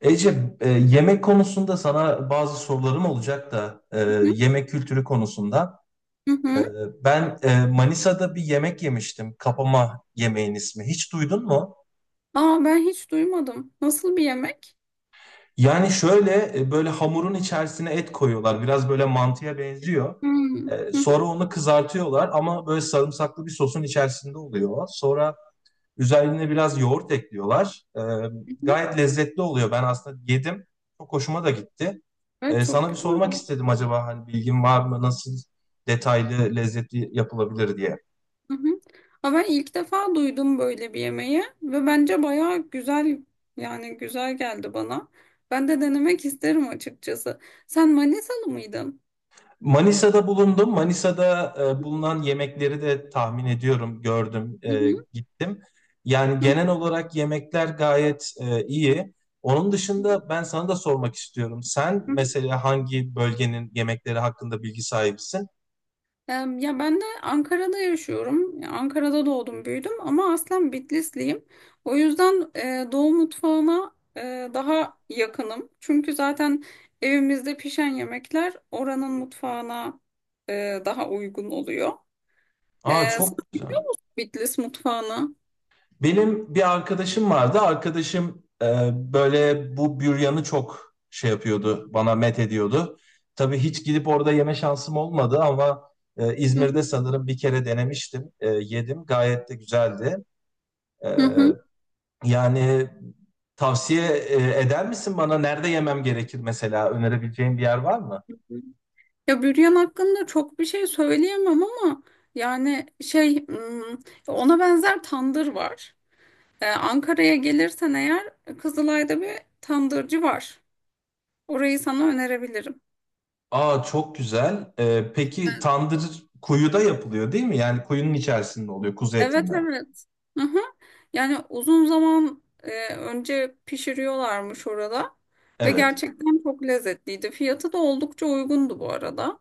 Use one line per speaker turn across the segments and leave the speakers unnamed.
Ece, yemek konusunda sana bazı sorularım olacak da
Hı
yemek kültürü konusunda.
hı.
E,
Hı.
Ben Manisa'da bir yemek yemiştim. Kapama yemeğin ismi. Hiç duydun mu?
Aa, ben hiç duymadım. Nasıl bir yemek?
Yani şöyle böyle hamurun içerisine et koyuyorlar. Biraz böyle mantıya benziyor.
Hmm. Hı hı.
Sonra onu kızartıyorlar ama böyle sarımsaklı bir sosun içerisinde oluyor. Sonra üzerine biraz yoğurt ekliyorlar.
Hı hı.
Gayet lezzetli oluyor. Ben aslında yedim. Çok hoşuma da gitti.
Evet, çok
Sana bir
güzel.
sormak istedim, acaba hani bilgin var mı? Nasıl detaylı, lezzetli yapılabilir diye.
Hı hı. Aa, ben ilk defa duydum böyle bir yemeği ve bence bayağı güzel, yani güzel geldi bana. Ben de denemek isterim açıkçası. Sen Manisalı mıydın?
Manisa'da bulundum. Manisa'da bulunan yemekleri de tahmin ediyorum, gördüm,
Hı hı.
gittim. Yani
Hı
genel olarak yemekler gayet iyi. Onun dışında ben sana da sormak istiyorum. Sen
hı.
mesela hangi bölgenin yemekleri hakkında bilgi sahibisin?
Ya ben de Ankara'da yaşıyorum. Ya Ankara'da doğdum, büyüdüm ama aslen Bitlisliyim. O yüzden Doğu mutfağına daha yakınım. Çünkü zaten evimizde pişen yemekler oranın mutfağına daha uygun oluyor. E,
Aa,
Sen
çok güzel.
Bitlis mutfağına.
Benim bir arkadaşım vardı. Arkadaşım böyle bu büryanı çok şey yapıyordu, bana met ediyordu. Tabii hiç gidip orada yeme şansım olmadı ama
Hı
İzmir'de
hı.
sanırım bir kere denemiştim, yedim. Gayet de güzeldi. E,
Hı hı.
Yani tavsiye eder misin bana? Nerede yemem gerekir mesela? Önerebileceğin bir yer var mı?
Ya büryan hakkında çok bir şey söyleyemem ama yani ona benzer tandır var. Ankara'ya gelirsen eğer Kızılay'da bir tandırcı var. Orayı sana önerebilirim.
Aa, çok güzel. Peki
Evet.
tandır kuyuda yapılıyor değil mi? Yani kuyunun içerisinde oluyor, kuzu
Evet,
etinden.
evet. Hı-hı. Yani uzun zaman önce pişiriyorlarmış orada ve
Evet.
gerçekten çok lezzetliydi. Fiyatı da oldukça uygundu bu arada.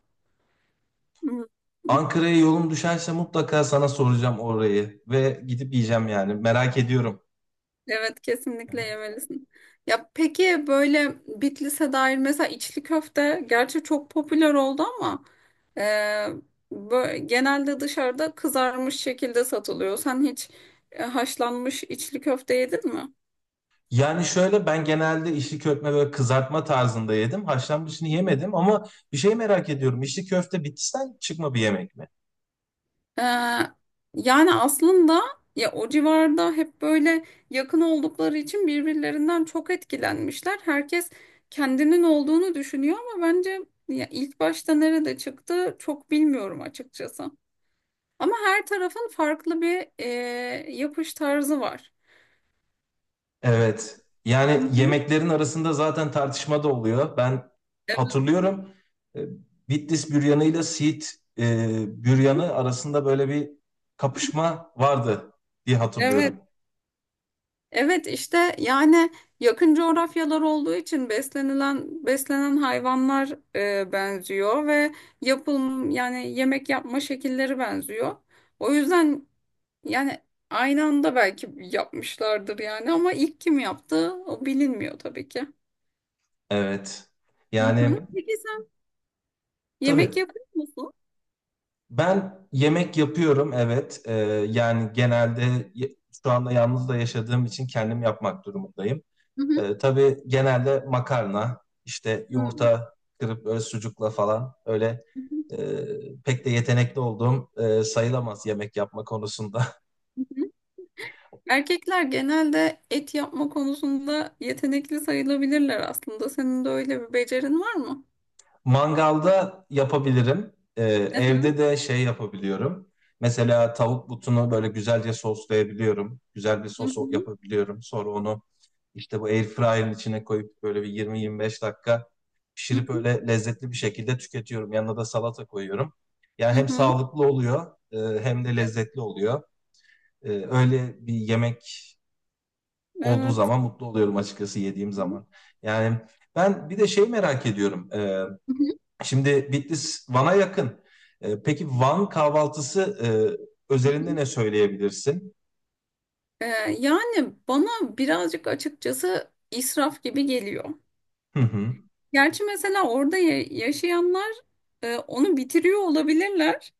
Hı.
Ankara'ya yolum düşerse mutlaka sana soracağım orayı ve gidip yiyeceğim yani. Merak ediyorum.
Evet, kesinlikle
Evet.
yemelisin. Ya peki böyle Bitlis'e dair mesela içli köfte gerçi çok popüler oldu ama e, genelde dışarıda kızarmış şekilde satılıyor. Sen hiç haşlanmış içli köfte yedin mi?
Yani şöyle, ben genelde içli köfte böyle kızartma tarzında yedim. Haşlanmışını yemedim ama bir şey merak ediyorum. İçli köfte Bitlis'ten çıkma bir yemek mi?
E, Yani aslında ya o civarda hep böyle yakın oldukları için birbirlerinden çok etkilenmişler. Herkes kendinin olduğunu düşünüyor ama bence ya ilk başta nerede çıktı çok bilmiyorum açıkçası. Ama her tarafın farklı bir yapış tarzı var.
Evet. Yani
Hı hı.
yemeklerin arasında zaten tartışma da oluyor. Ben
Evet,
hatırlıyorum e, Bitlis büryanı ile Siirt
hı hı.
büryanı arasında böyle bir kapışma vardı diye
Evet,
hatırlıyorum.
evet işte yani yakın coğrafyalar olduğu için beslenilen beslenen hayvanlar benziyor ve yapım, yani yemek yapma şekilleri benziyor. O yüzden yani aynı anda belki yapmışlardır yani, ama ilk kim yaptı o bilinmiyor tabii ki.
Evet.
Hı
Yani
hı. Peki sen yemek
tabii.
yapıyor musun?
Ben yemek yapıyorum, evet. Yani şu anda yalnız da yaşadığım için kendim yapmak durumundayım.
Hı hı.
Tabii genelde makarna, işte
Hı hı.
yumurta kırıp böyle sucukla falan öyle, e, pek de yetenekli olduğum sayılamaz yemek yapma konusunda.
Hı hı. Erkekler genelde et yapma konusunda yetenekli sayılabilirler aslında. Senin de öyle bir becerin var mı?
Mangalda yapabilirim.
Hı hı,
Evde de şey yapabiliyorum. Mesela tavuk butunu böyle güzelce soslayabiliyorum. Güzel bir
hı
sos
hı,
yapabiliyorum. Sonra onu işte bu airfryer'ın içine koyup böyle bir 20-25 dakika
hı
pişirip
hı,
öyle lezzetli bir şekilde tüketiyorum. Yanına da salata koyuyorum. Yani
hı
hem
hı.
sağlıklı oluyor, hem de lezzetli oluyor. Öyle bir yemek olduğu
Evet.
zaman mutlu oluyorum açıkçası, yediğim
Hı
zaman. Yani ben bir de şey merak ediyorum.
hı,
Şimdi Bitlis Van'a yakın. Peki Van kahvaltısı
hı
özelinde
hı.
ne söyleyebilirsin?
Ee, Yani bana birazcık açıkçası israf gibi geliyor.
Hı hı.
Gerçi mesela orada yaşayanlar onu bitiriyor olabilirler.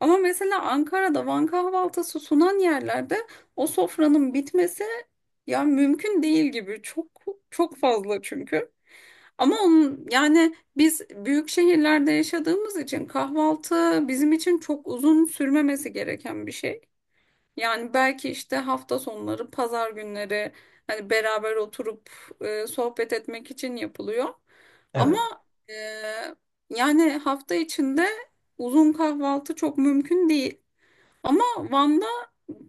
Ama mesela Ankara'da Van kahvaltısı sunan yerlerde o sofranın bitmesi ya mümkün değil gibi. Çok çok fazla çünkü. Ama onun, yani biz büyük şehirlerde yaşadığımız için kahvaltı bizim için çok uzun sürmemesi gereken bir şey. Yani belki işte hafta sonları, pazar günleri hani beraber oturup sohbet etmek için yapılıyor. Ama
Evet.
e, yani hafta içinde uzun kahvaltı çok mümkün değil. Ama Van'da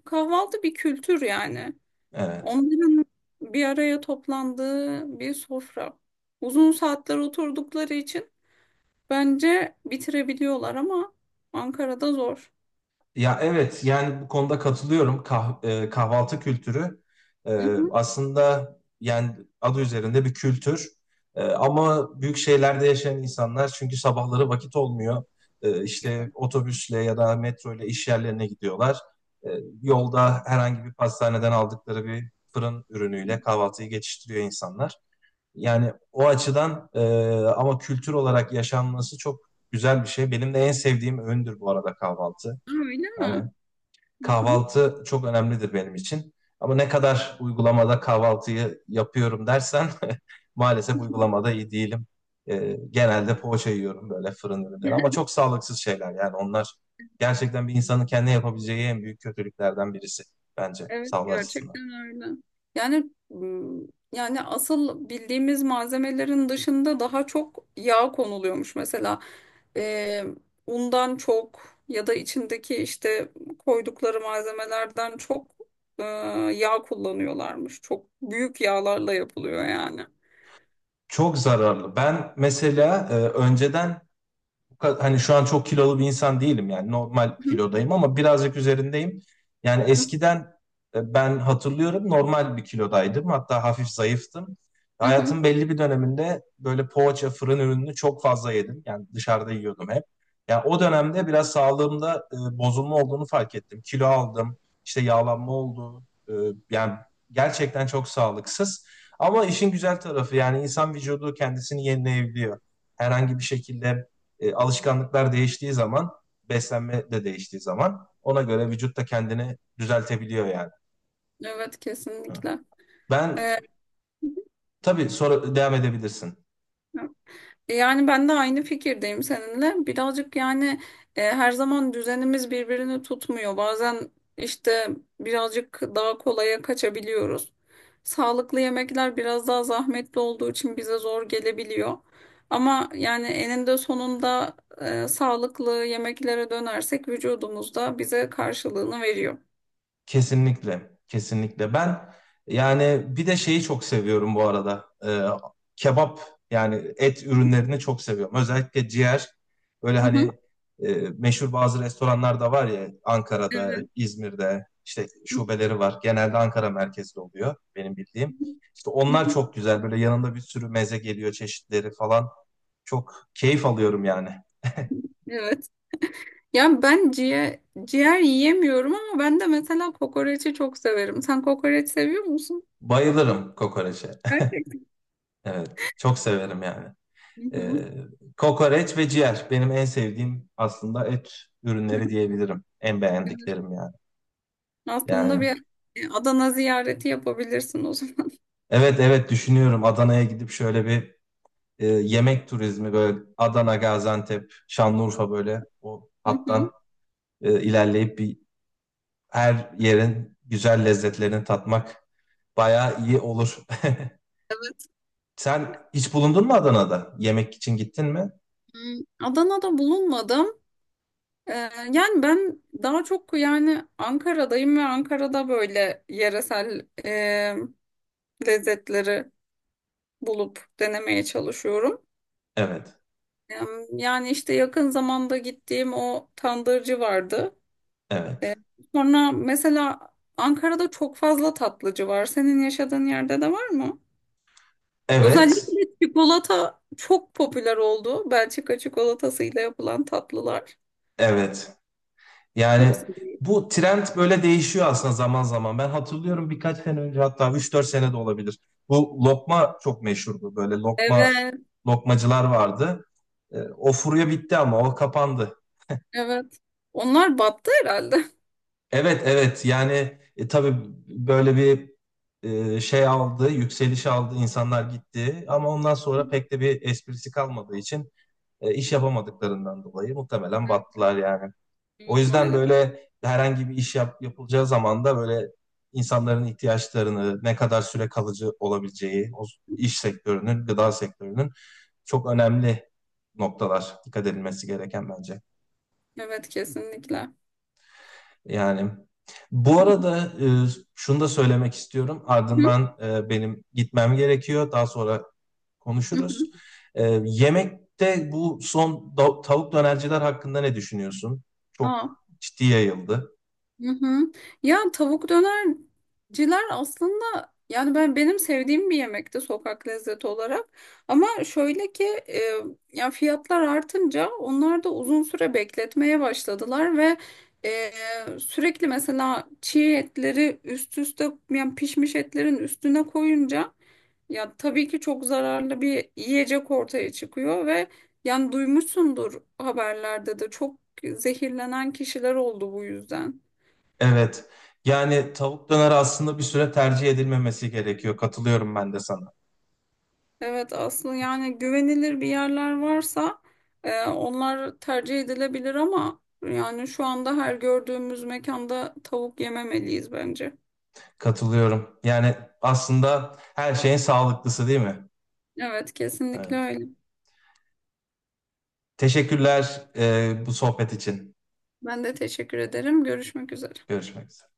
kahvaltı bir kültür yani.
Evet.
Onların bir araya toplandığı bir sofra. Uzun saatler oturdukları için bence bitirebiliyorlar ama Ankara'da zor.
Ya evet, yani bu konuda katılıyorum. Kahvaltı kültürü,
Hı
e,
hı.
aslında yani adı üzerinde bir kültür. Ama büyük şehirlerde yaşayan insanlar, çünkü sabahları vakit olmuyor. İşte otobüsle ya da metro ile iş yerlerine gidiyorlar. E, Yolda herhangi bir pastaneden aldıkları bir fırın ürünüyle kahvaltıyı geçiştiriyor insanlar. Yani o açıdan ama kültür olarak yaşanması çok güzel bir şey. Benim de en sevdiğim öğündür bu arada kahvaltı.
Aa, öyle mi?
Yani
Hı hı.
kahvaltı çok önemlidir benim için. Ama ne kadar uygulamada kahvaltıyı yapıyorum dersen, maalesef uygulamada iyi değilim. Genelde poğaça yiyorum, böyle fırın ürünleri, ama çok sağlıksız şeyler yani onlar. Gerçekten bir insanın kendine yapabileceği en büyük kötülüklerden birisi bence
Evet,
sağlığı açısından.
gerçekten öyle. Yani m, Yani asıl bildiğimiz malzemelerin dışında daha çok yağ konuluyormuş mesela. e, Undan çok ya da içindeki işte koydukları malzemelerden çok e, yağ kullanıyorlarmış. Çok büyük yağlarla yapılıyor yani.
Çok zararlı. Ben mesela önceden, hani şu an çok kilolu bir insan değilim yani, normal
Hı
kilodayım ama birazcık üzerindeyim. Yani
hı.
eskiden, ben hatırlıyorum, normal bir kilodaydım, hatta hafif zayıftım.
Hı hı.
Hayatın belli bir döneminde böyle poğaça fırın ürününü çok fazla yedim. Yani dışarıda yiyordum hep. Yani o dönemde biraz sağlığımda bozulma olduğunu fark ettim. Kilo aldım, işte yağlanma oldu. E, Yani gerçekten çok sağlıksız. Ama işin güzel tarafı, yani insan vücudu kendisini yenileyebiliyor herhangi bir şekilde. Alışkanlıklar değiştiği zaman, beslenme de değiştiği zaman, ona göre vücut da kendini düzeltebiliyor yani.
Evet,
Evet.
kesinlikle.
Ben,
E,
tabii sonra devam edebilirsin.
Yani ben de aynı fikirdeyim seninle. Birazcık yani her zaman düzenimiz birbirini tutmuyor. Bazen işte birazcık daha kolaya kaçabiliyoruz. Sağlıklı yemekler biraz daha zahmetli olduğu için bize zor gelebiliyor. Ama yani eninde sonunda sağlıklı yemeklere dönersek vücudumuz da bize karşılığını veriyor.
Kesinlikle, kesinlikle. Ben yani bir de şeyi çok seviyorum bu arada. Kebap yani, et ürünlerini çok seviyorum. Özellikle ciğer. Böyle
Hı
hani
hı.
meşhur bazı restoranlar da var ya, Ankara'da,
Evet.
İzmir'de işte şubeleri var. Genelde Ankara merkezli oluyor benim bildiğim. İşte onlar çok güzel. Böyle yanında bir sürü meze geliyor, çeşitleri falan. Çok keyif alıyorum yani.
Evet. Ya ben ciğer yiyemiyorum ama ben de mesela kokoreçi çok severim. Sen kokoreç seviyor musun?
Bayılırım kokoreçe.
Gerçekten.
Evet, çok severim yani.
Hı hı.
Ee, Kokoreç ve ciğer benim en sevdiğim aslında, et ürünleri diyebilirim. En beğendiklerim yani.
Aslında
Yani
bir Adana ziyareti yapabilirsin o zaman.
evet, evet, düşünüyorum Adana'ya gidip şöyle bir yemek turizmi, böyle Adana, Gaziantep, Şanlıurfa, böyle o
Hı
hattan
hı.
ilerleyip bir her yerin güzel lezzetlerini tatmak bayağı iyi olur.
Evet.
Sen hiç bulundun mu Adana'da? Yemek için gittin mi?
Hmm, Adana'da bulunmadım. Ee, Yani ben daha çok yani Ankara'dayım ve Ankara'da böyle yeresel lezzetleri bulup denemeye çalışıyorum.
Evet,
Yani işte yakın zamanda gittiğim o tandırcı vardı.
evet.
E, Sonra mesela Ankara'da çok fazla tatlıcı var. Senin yaşadığın yerde de var mı? Özellikle
Evet,
çikolata çok popüler oldu. Belçika çikolatasıyla yapılan tatlılar.
evet.
Çok
Yani
seviyorum.
bu trend böyle değişiyor aslında zaman zaman. Ben hatırlıyorum birkaç sene önce, hatta üç dört sene de olabilir. Bu lokma çok meşhurdu. Böyle lokma
Evet,
lokmacılar vardı. O furya bitti, ama o kapandı.
evet. Onlar battı herhalde.
Evet, evet, yani tabii böyle bir şey aldı, yükseliş aldı, insanlar gitti. Ama ondan sonra pek de bir esprisi kalmadığı için iş yapamadıklarından dolayı muhtemelen
Evet,
battılar yani. O
evet
yüzden
maalesef.
böyle herhangi bir yapılacağı zaman da böyle insanların ihtiyaçlarını, ne kadar süre kalıcı olabileceği, o iş sektörünün, gıda sektörünün çok önemli noktalar dikkat edilmesi gereken bence.
Evet, kesinlikle. Hı
Yani bu arada şunu da söylemek istiyorum.
hı.
Ardından benim gitmem gerekiyor. Daha sonra
Hı hı.
konuşuruz. Yemekte tavuk dönerciler hakkında ne düşünüyorsun?
Aa,
Çok ciddi yayıldı.
hı hı. Ya tavuk dönerciler aslında yani ben benim sevdiğim bir yemekti sokak lezzeti olarak. Ama şöyle ki ya fiyatlar artınca onlar da uzun süre bekletmeye başladılar ve sürekli mesela çiğ etleri üst üste, yani pişmiş etlerin üstüne koyunca ya tabii ki çok zararlı bir yiyecek ortaya çıkıyor ve yani duymuşsundur haberlerde de çok zehirlenen kişiler oldu bu yüzden.
Evet. Yani tavuk döneri aslında bir süre tercih edilmemesi gerekiyor. Katılıyorum ben de sana.
Evet, aslında yani güvenilir bir yerler varsa onlar tercih edilebilir ama yani şu anda her gördüğümüz mekanda tavuk yememeliyiz bence.
Katılıyorum. Yani aslında her şeyin sağlıklısı değil mi?
Evet, kesinlikle
Evet.
öyle.
Teşekkürler bu sohbet için.
Ben de teşekkür ederim. Görüşmek üzere.
Görüşmek üzere.